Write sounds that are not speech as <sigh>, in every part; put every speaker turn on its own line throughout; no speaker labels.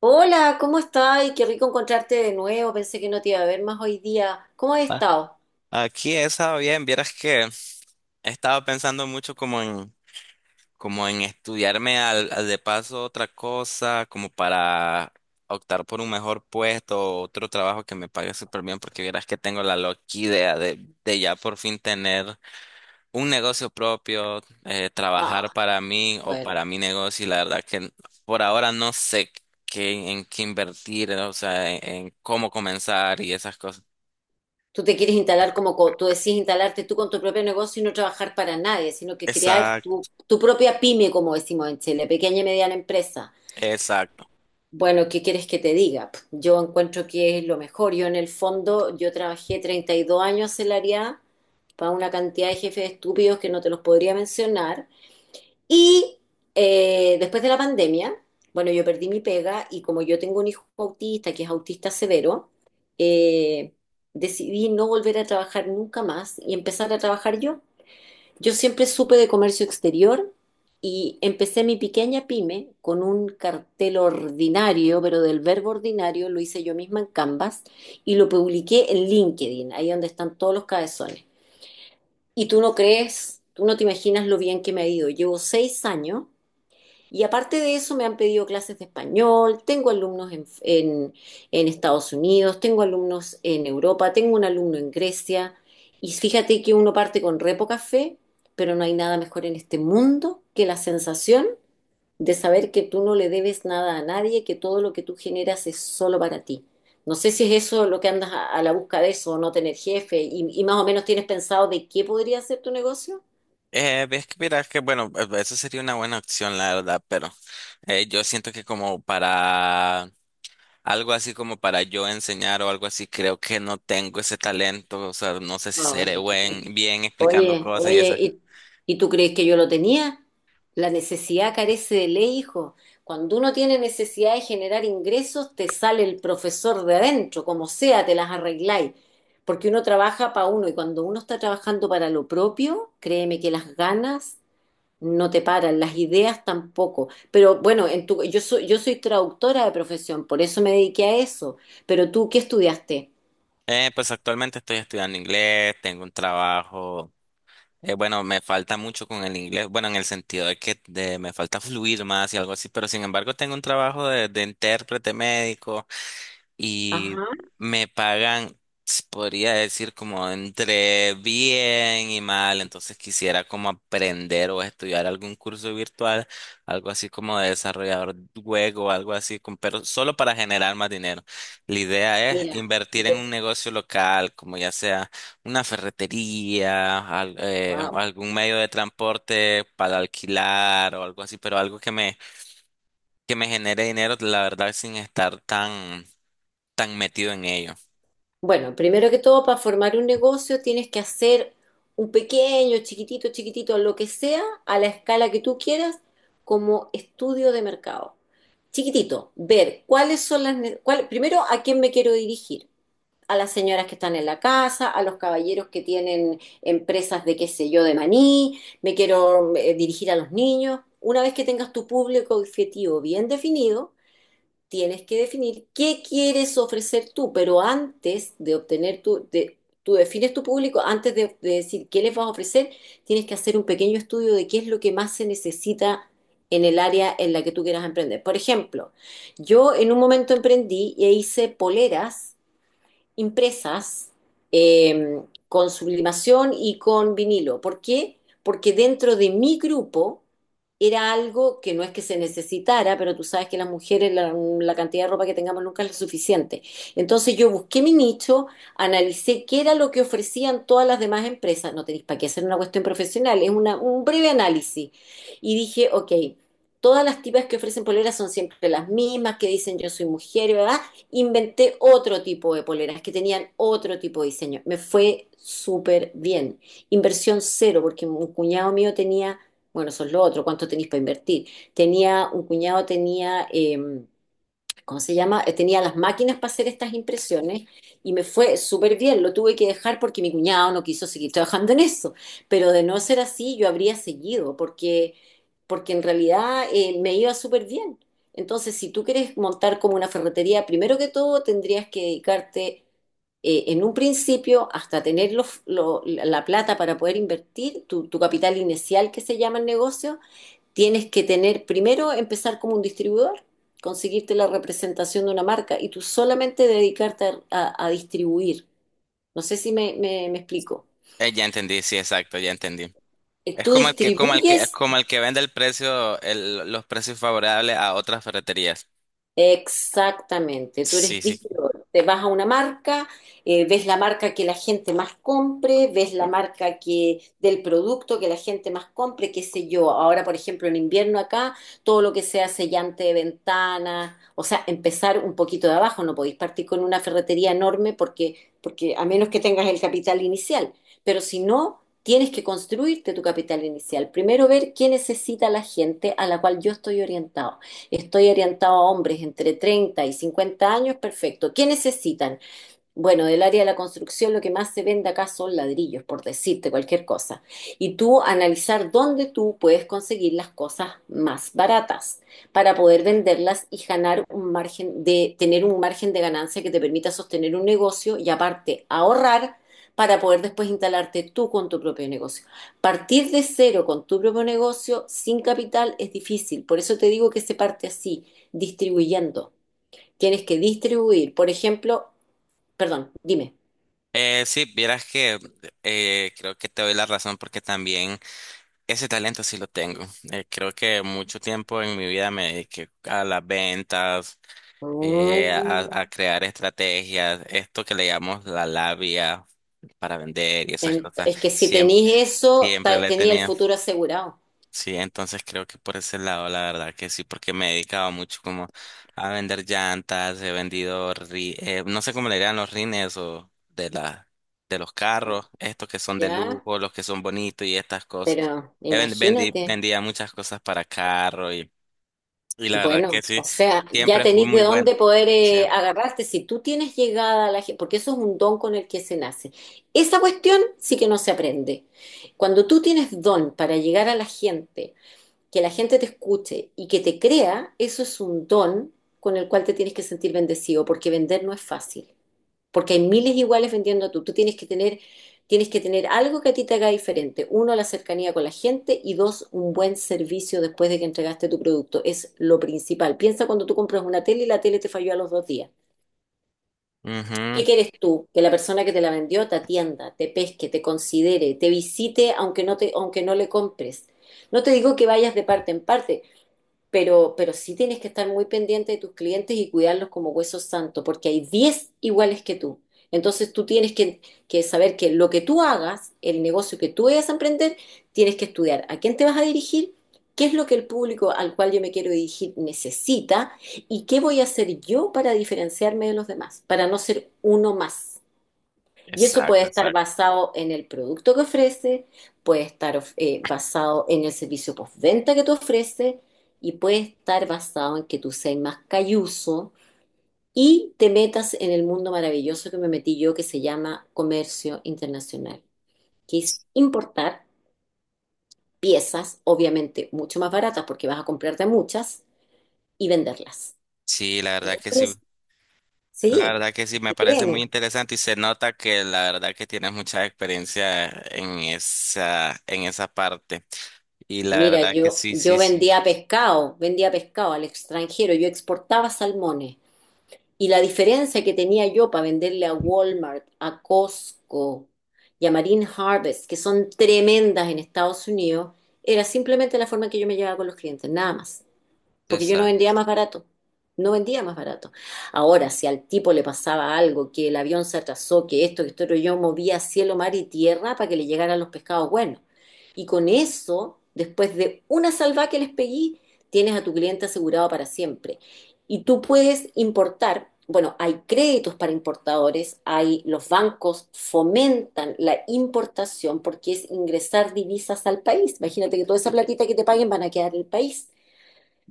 Hola, ¿cómo estás? Y qué rico encontrarte de nuevo. Pensé que no te iba a ver más hoy día. ¿Cómo has
Ah,
estado?
Aquí esa bien, vieras que estaba pensando mucho como en estudiarme al de paso otra cosa, como para optar por un mejor puesto, otro trabajo que me pague súper bien, porque vieras que tengo la loca idea de ya por fin tener un negocio propio,
Ah,
trabajar para mí o
bueno.
para mi negocio, y la verdad que por ahora no sé en qué invertir, o sea, en cómo comenzar y esas cosas.
Tú te quieres instalar como tú decís, instalarte tú con tu propio negocio y no trabajar para nadie, sino que crear tu,
Exacto.
tu propia pyme, como decimos en Chile, pequeña y mediana empresa.
Exacto.
Bueno, ¿qué quieres que te diga? Pff, yo encuentro que es lo mejor. Yo en el fondo, yo trabajé 32 años en la área para una cantidad de jefes estúpidos que no te los podría mencionar. Y después de la pandemia, bueno, yo perdí mi pega y como yo tengo un hijo autista, que es autista severo, eh, decidí no volver a trabajar nunca más y empezar a trabajar yo. Yo siempre supe de comercio exterior y empecé mi pequeña pyme con un cartel ordinario, pero del verbo ordinario lo hice yo misma en Canvas y lo publiqué en LinkedIn, ahí donde están todos los cabezones. Y tú no crees, tú no te imaginas lo bien que me ha ido. Llevo 6 años y aparte de eso, me han pedido clases de español, tengo alumnos en Estados Unidos, tengo alumnos en Europa, tengo un alumno en Grecia. Y fíjate que uno parte con re poca fe, pero no hay nada mejor en este mundo que la sensación de saber que tú no le debes nada a nadie, que todo lo que tú generas es solo para ti. No sé si es eso lo que andas a la busca de eso, no tener jefe, y más o menos tienes pensado de qué podría ser tu negocio.
Ves que mira que bueno, eso sería una buena opción, la verdad, pero yo siento que como para algo así como para yo enseñar o algo así, creo que no tengo ese talento, o sea, no sé si seré
Ay, ¿tú crees que-
bien explicando
Oye,
cosas y eso.
oye, y tú crees que yo lo tenía? La necesidad carece de ley, hijo. Cuando uno tiene necesidad de generar ingresos, te sale el profesor de adentro, como sea, te las arregláis. Porque uno trabaja para uno y cuando uno está trabajando para lo propio, créeme que las ganas no te paran, las ideas tampoco. Pero bueno, en tu, yo soy traductora de profesión, por eso me dediqué a eso. Pero tú, ¿qué estudiaste?
Pues actualmente estoy estudiando inglés, tengo un trabajo, bueno, me falta mucho con el inglés, bueno, en el sentido de me falta fluir más y algo así, pero sin embargo tengo un trabajo de intérprete médico. Y
Ajá,
me pagan, se podría decir, como entre bien y mal. Entonces quisiera como aprender o estudiar algún curso virtual, algo así como de desarrollador web o algo así, pero solo para generar más dinero. La idea es
mira,
invertir en
yo,
un negocio local, como ya sea una ferretería, o
wow.
algún medio de transporte para alquilar o algo así, pero algo que me genere dinero, la verdad, sin estar tan metido en ello.
Bueno, primero que todo, para formar un negocio tienes que hacer un pequeño, chiquitito, lo que sea, a la escala que tú quieras, como estudio de mercado. Chiquitito, ver cuáles son las... primero, ¿a quién me quiero dirigir? A las señoras que están en la casa, a los caballeros que tienen empresas de qué sé yo, de maní, me quiero dirigir a los niños. Una vez que tengas tu público objetivo bien definido, tienes que definir qué quieres ofrecer tú, pero antes de obtener tú defines tu público, antes de decir qué les vas a ofrecer, tienes que hacer un pequeño estudio de qué es lo que más se necesita en el área en la que tú quieras emprender. Por ejemplo, yo en un momento emprendí e hice poleras impresas eh, con sublimación y con vinilo. ¿Por qué? Porque dentro de mi grupo era algo que no es que se necesitara, pero tú sabes que las mujeres, la cantidad de ropa que tengamos nunca es lo suficiente. Entonces yo busqué mi nicho, analicé qué era lo que ofrecían todas las demás empresas. No tenéis para qué hacer una cuestión profesional, es una, un breve análisis. Y dije, ok, todas las tipas que ofrecen poleras son siempre las mismas, que dicen yo soy mujer, ¿verdad? Inventé otro tipo de poleras que tenían otro tipo de diseño. Me fue súper bien. Inversión cero, porque un cuñado mío tenía, bueno, eso es lo otro, ¿cuánto tenéis para invertir? Tenía, un cuñado tenía... ¿cómo se llama? Tenía las máquinas para hacer estas impresiones y me fue súper bien. Lo tuve que dejar porque mi cuñado no quiso seguir trabajando en eso. Pero de no ser así, yo habría seguido porque, porque en realidad me iba súper bien. Entonces, si tú quieres montar como una ferretería, primero que todo tendrías que dedicarte en un principio hasta tener la plata para poder invertir, tu capital inicial que se llama el negocio, tienes que tener, primero empezar como un distribuidor, conseguirte la representación de una marca y tú solamente dedicarte a distribuir. No sé si me explico.
Ya entendí, sí, exacto, ya entendí. Es
Tú
como el que, como el que,
distribuyes.
como el que vende el precio, los precios favorables a otras ferreterías.
Exactamente, tú
Sí,
eres
sí.
distribuidor. Te vas a una marca, ves la marca que la gente más compre, ves la marca que del producto que la gente más compre, qué sé yo. Ahora, por ejemplo, en invierno acá, todo lo que sea sellante de ventanas, o sea, empezar un poquito de abajo, no podéis partir con una ferretería enorme porque, porque a menos que tengas el capital inicial, pero si no, tienes que construirte tu capital inicial. Primero ver qué necesita la gente a la cual yo estoy orientado a hombres entre 30 y 50 años, perfecto. ¿Qué necesitan? Bueno, del área de la construcción lo que más se vende acá son ladrillos, por decirte cualquier cosa. Y tú analizar dónde tú puedes conseguir las cosas más baratas para poder venderlas y ganar un margen de ganancia que te permita sostener un negocio y aparte ahorrar para poder después instalarte tú con tu propio negocio. Partir de cero con tu propio negocio sin capital es difícil, por eso te digo que se parte así, distribuyendo. Tienes que distribuir, por ejemplo, perdón, dime.
Sí, vieras que creo que te doy la razón porque también ese talento sí lo tengo. Creo que mucho tiempo en mi vida me dediqué a las ventas,
Mm.
a crear estrategias, esto que le llamamos la labia para vender y esas cosas.
Es que si
Siempre,
tenéis eso,
siempre le he
tenía el
tenido.
futuro asegurado.
Sí, entonces creo que por ese lado, la verdad que sí, porque me he dedicado mucho como a vender llantas, he vendido, no sé cómo le dirán los rines o de de los
No,
carros, estos que son de
¿ya?
lujo, los que son bonitos y estas cosas.
Pero imagínate.
Vendía muchas cosas para carro y la verdad que
Bueno,
sí,
o sea, ya
siempre fui
tenéis de
muy bueno.
dónde poder
Sí.
agarrarte. Si tú tienes llegada a la gente, porque eso es un don con el que se nace. Esa cuestión sí que no se aprende. Cuando tú tienes don para llegar a la gente, que la gente te escuche y que te crea, eso es un don con el cual te tienes que sentir bendecido, porque vender no es fácil. Porque hay miles iguales vendiendo tú. Tú tienes que tener algo que a ti te haga diferente. Uno, la cercanía con la gente y dos, un buen servicio después de que entregaste tu producto. Es lo principal. Piensa cuando tú compras una tele y la tele te falló a los 2 días.
Ujú.
¿Qué quieres tú? Que la persona que te la vendió te atienda, te pesque, te considere, te visite aunque no te, aunque no le compres. No te digo que vayas de parte en parte, pero sí tienes que estar muy pendiente de tus clientes y cuidarlos como huesos santos, porque hay 10 iguales que tú. Entonces tú tienes que saber que lo que tú hagas, el negocio que tú vayas a emprender, tienes que estudiar a quién te vas a dirigir, qué es lo que el público al cual yo me quiero dirigir necesita y qué voy a hacer yo para diferenciarme de los demás, para no ser uno más. Y eso puede
Exacto,
estar
exacto.
basado en el producto que ofrece, puede estar basado en el servicio postventa que tú ofreces y puede estar basado en que tú seas más calluso y te metas en el mundo maravilloso que me metí yo que se llama comercio internacional, que es importar piezas, obviamente mucho más baratas porque vas a comprarte muchas y venderlas.
Sí, la
En
verdad
un
que sí.
prin-
La
Sí,
verdad que sí, me
porque
parece muy
créeme.
interesante y se nota que la verdad que tienes mucha experiencia en en esa parte. Y la
Mira,
verdad que
yo,
sí,
yo
sí, sí.
vendía pescado al extranjero, yo exportaba salmones. Y la diferencia que tenía yo para venderle a Walmart, a Costco y a Marine Harvest, que son tremendas en Estados Unidos, era simplemente la forma en que yo me llevaba con los clientes, nada más porque yo no
Esa.
vendía más barato. No vendía más barato. Ahora, si al tipo le pasaba algo, que el avión se atrasó, que esto, pero yo movía cielo, mar y tierra para que le llegaran los pescados buenos. Y con eso, después de una salva que les pegué, tienes a tu cliente asegurado para siempre. Y tú puedes importar, bueno, hay créditos para importadores, hay los bancos fomentan la importación porque es ingresar divisas al país. Imagínate que toda esa platita que te paguen van a quedar en el país.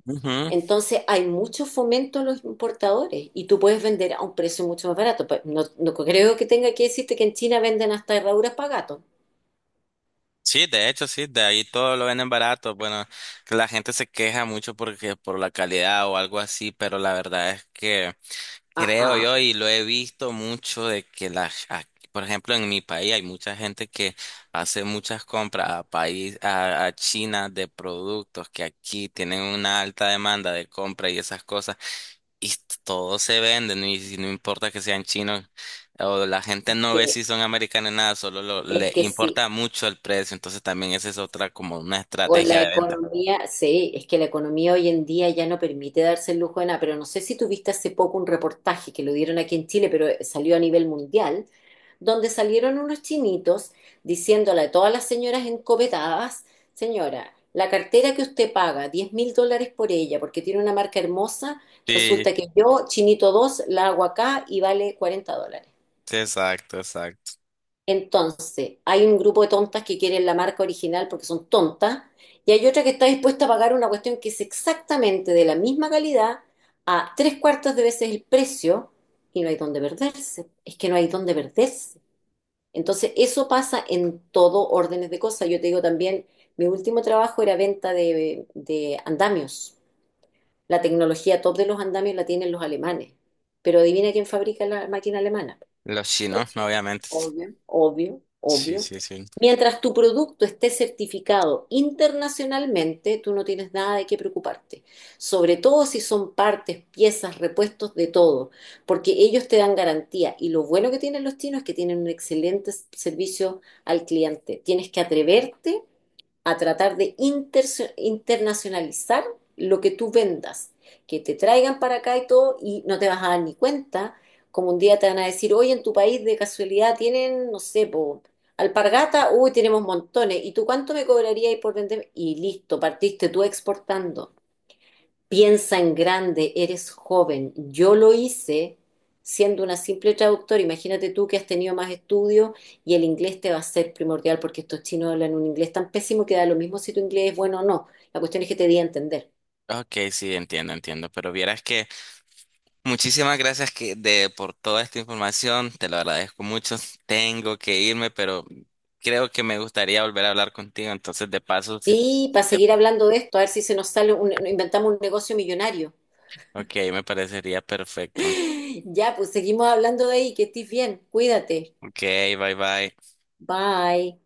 Ujú.
Entonces hay mucho fomento a los importadores y tú puedes vender a un precio mucho más barato. Pues, no, no creo que tenga que decirte que en China venden hasta herraduras para gatos.
Sí, de hecho, sí, de ahí todo lo venden barato. Bueno, la gente se queja mucho porque por la calidad o algo así, pero la verdad es que
Ah,
creo
ah,
yo, y lo he visto mucho de que por ejemplo, en mi país hay mucha gente que hace muchas compras a a China de productos que aquí tienen una alta demanda de compra y esas cosas, y todos se venden, y si no importa que sean chinos, o la gente
es
no ve
que,
si son americanos nada,
es
le
que sí,
importa mucho el precio, entonces también esa es otra como una
o
estrategia
la
de venta.
economía, sí, es que la economía hoy en día ya no permite darse el lujo de nada, pero no sé si tuviste hace poco un reportaje que lo dieron aquí en Chile, pero salió a nivel mundial, donde salieron unos chinitos diciéndole a todas las señoras encopetadas, señora, la cartera que usted paga, $10.000 por ella, porque tiene una marca hermosa,
Sí,
resulta que yo, chinito 2 la hago acá y vale $40.
sí, exacto, exacto.
Entonces, hay un grupo de tontas que quieren la marca original porque son tontas, y hay otra que está dispuesta a pagar una cuestión que es exactamente de la misma calidad a tres cuartos de veces el precio, y no hay dónde perderse. Es que no hay dónde perderse. Entonces, eso pasa en todo órdenes de cosas. Yo te digo también, mi último trabajo era venta de andamios. La tecnología top de los andamios la tienen los alemanes. Pero adivina quién fabrica la máquina alemana.
Los chinos,
Sí,
obviamente.
obvio, obvio,
Sí,
obvio.
sí, sí.
Mientras tu producto esté certificado internacionalmente, tú no tienes nada de qué preocuparte. Sobre todo si son partes, piezas, repuestos de todo, porque ellos te dan garantía. Y lo bueno que tienen los chinos es que tienen un excelente servicio al cliente. Tienes que atreverte a tratar de internacionalizar lo que tú vendas, que te traigan para acá y todo y no te vas a dar ni cuenta, como un día te van a decir, oye, en tu país de casualidad tienen, no sé, po, alpargata, uy, tenemos montones, ¿y tú cuánto me cobrarías por vender? Y listo, partiste tú exportando. Piensa en grande, eres joven. Yo lo hice siendo una simple traductora. Imagínate tú que has tenido más estudios y el inglés te va a ser primordial porque estos chinos hablan un inglés tan pésimo que da lo mismo si tu inglés es bueno o no. La cuestión es que te di a entender.
Ok, sí, entiendo, entiendo, pero vieras que muchísimas gracias que de por toda esta información, te lo agradezco mucho. Tengo que irme, pero creo que me gustaría volver a hablar contigo, entonces de paso, sí,
Sí, para
de-
seguir hablando de esto, a ver si se nos sale, inventamos un negocio millonario.
ok, me parecería perfecto.
<laughs> Ya, pues seguimos hablando de ahí, que estés bien, cuídate.
Ok, bye bye.
Bye.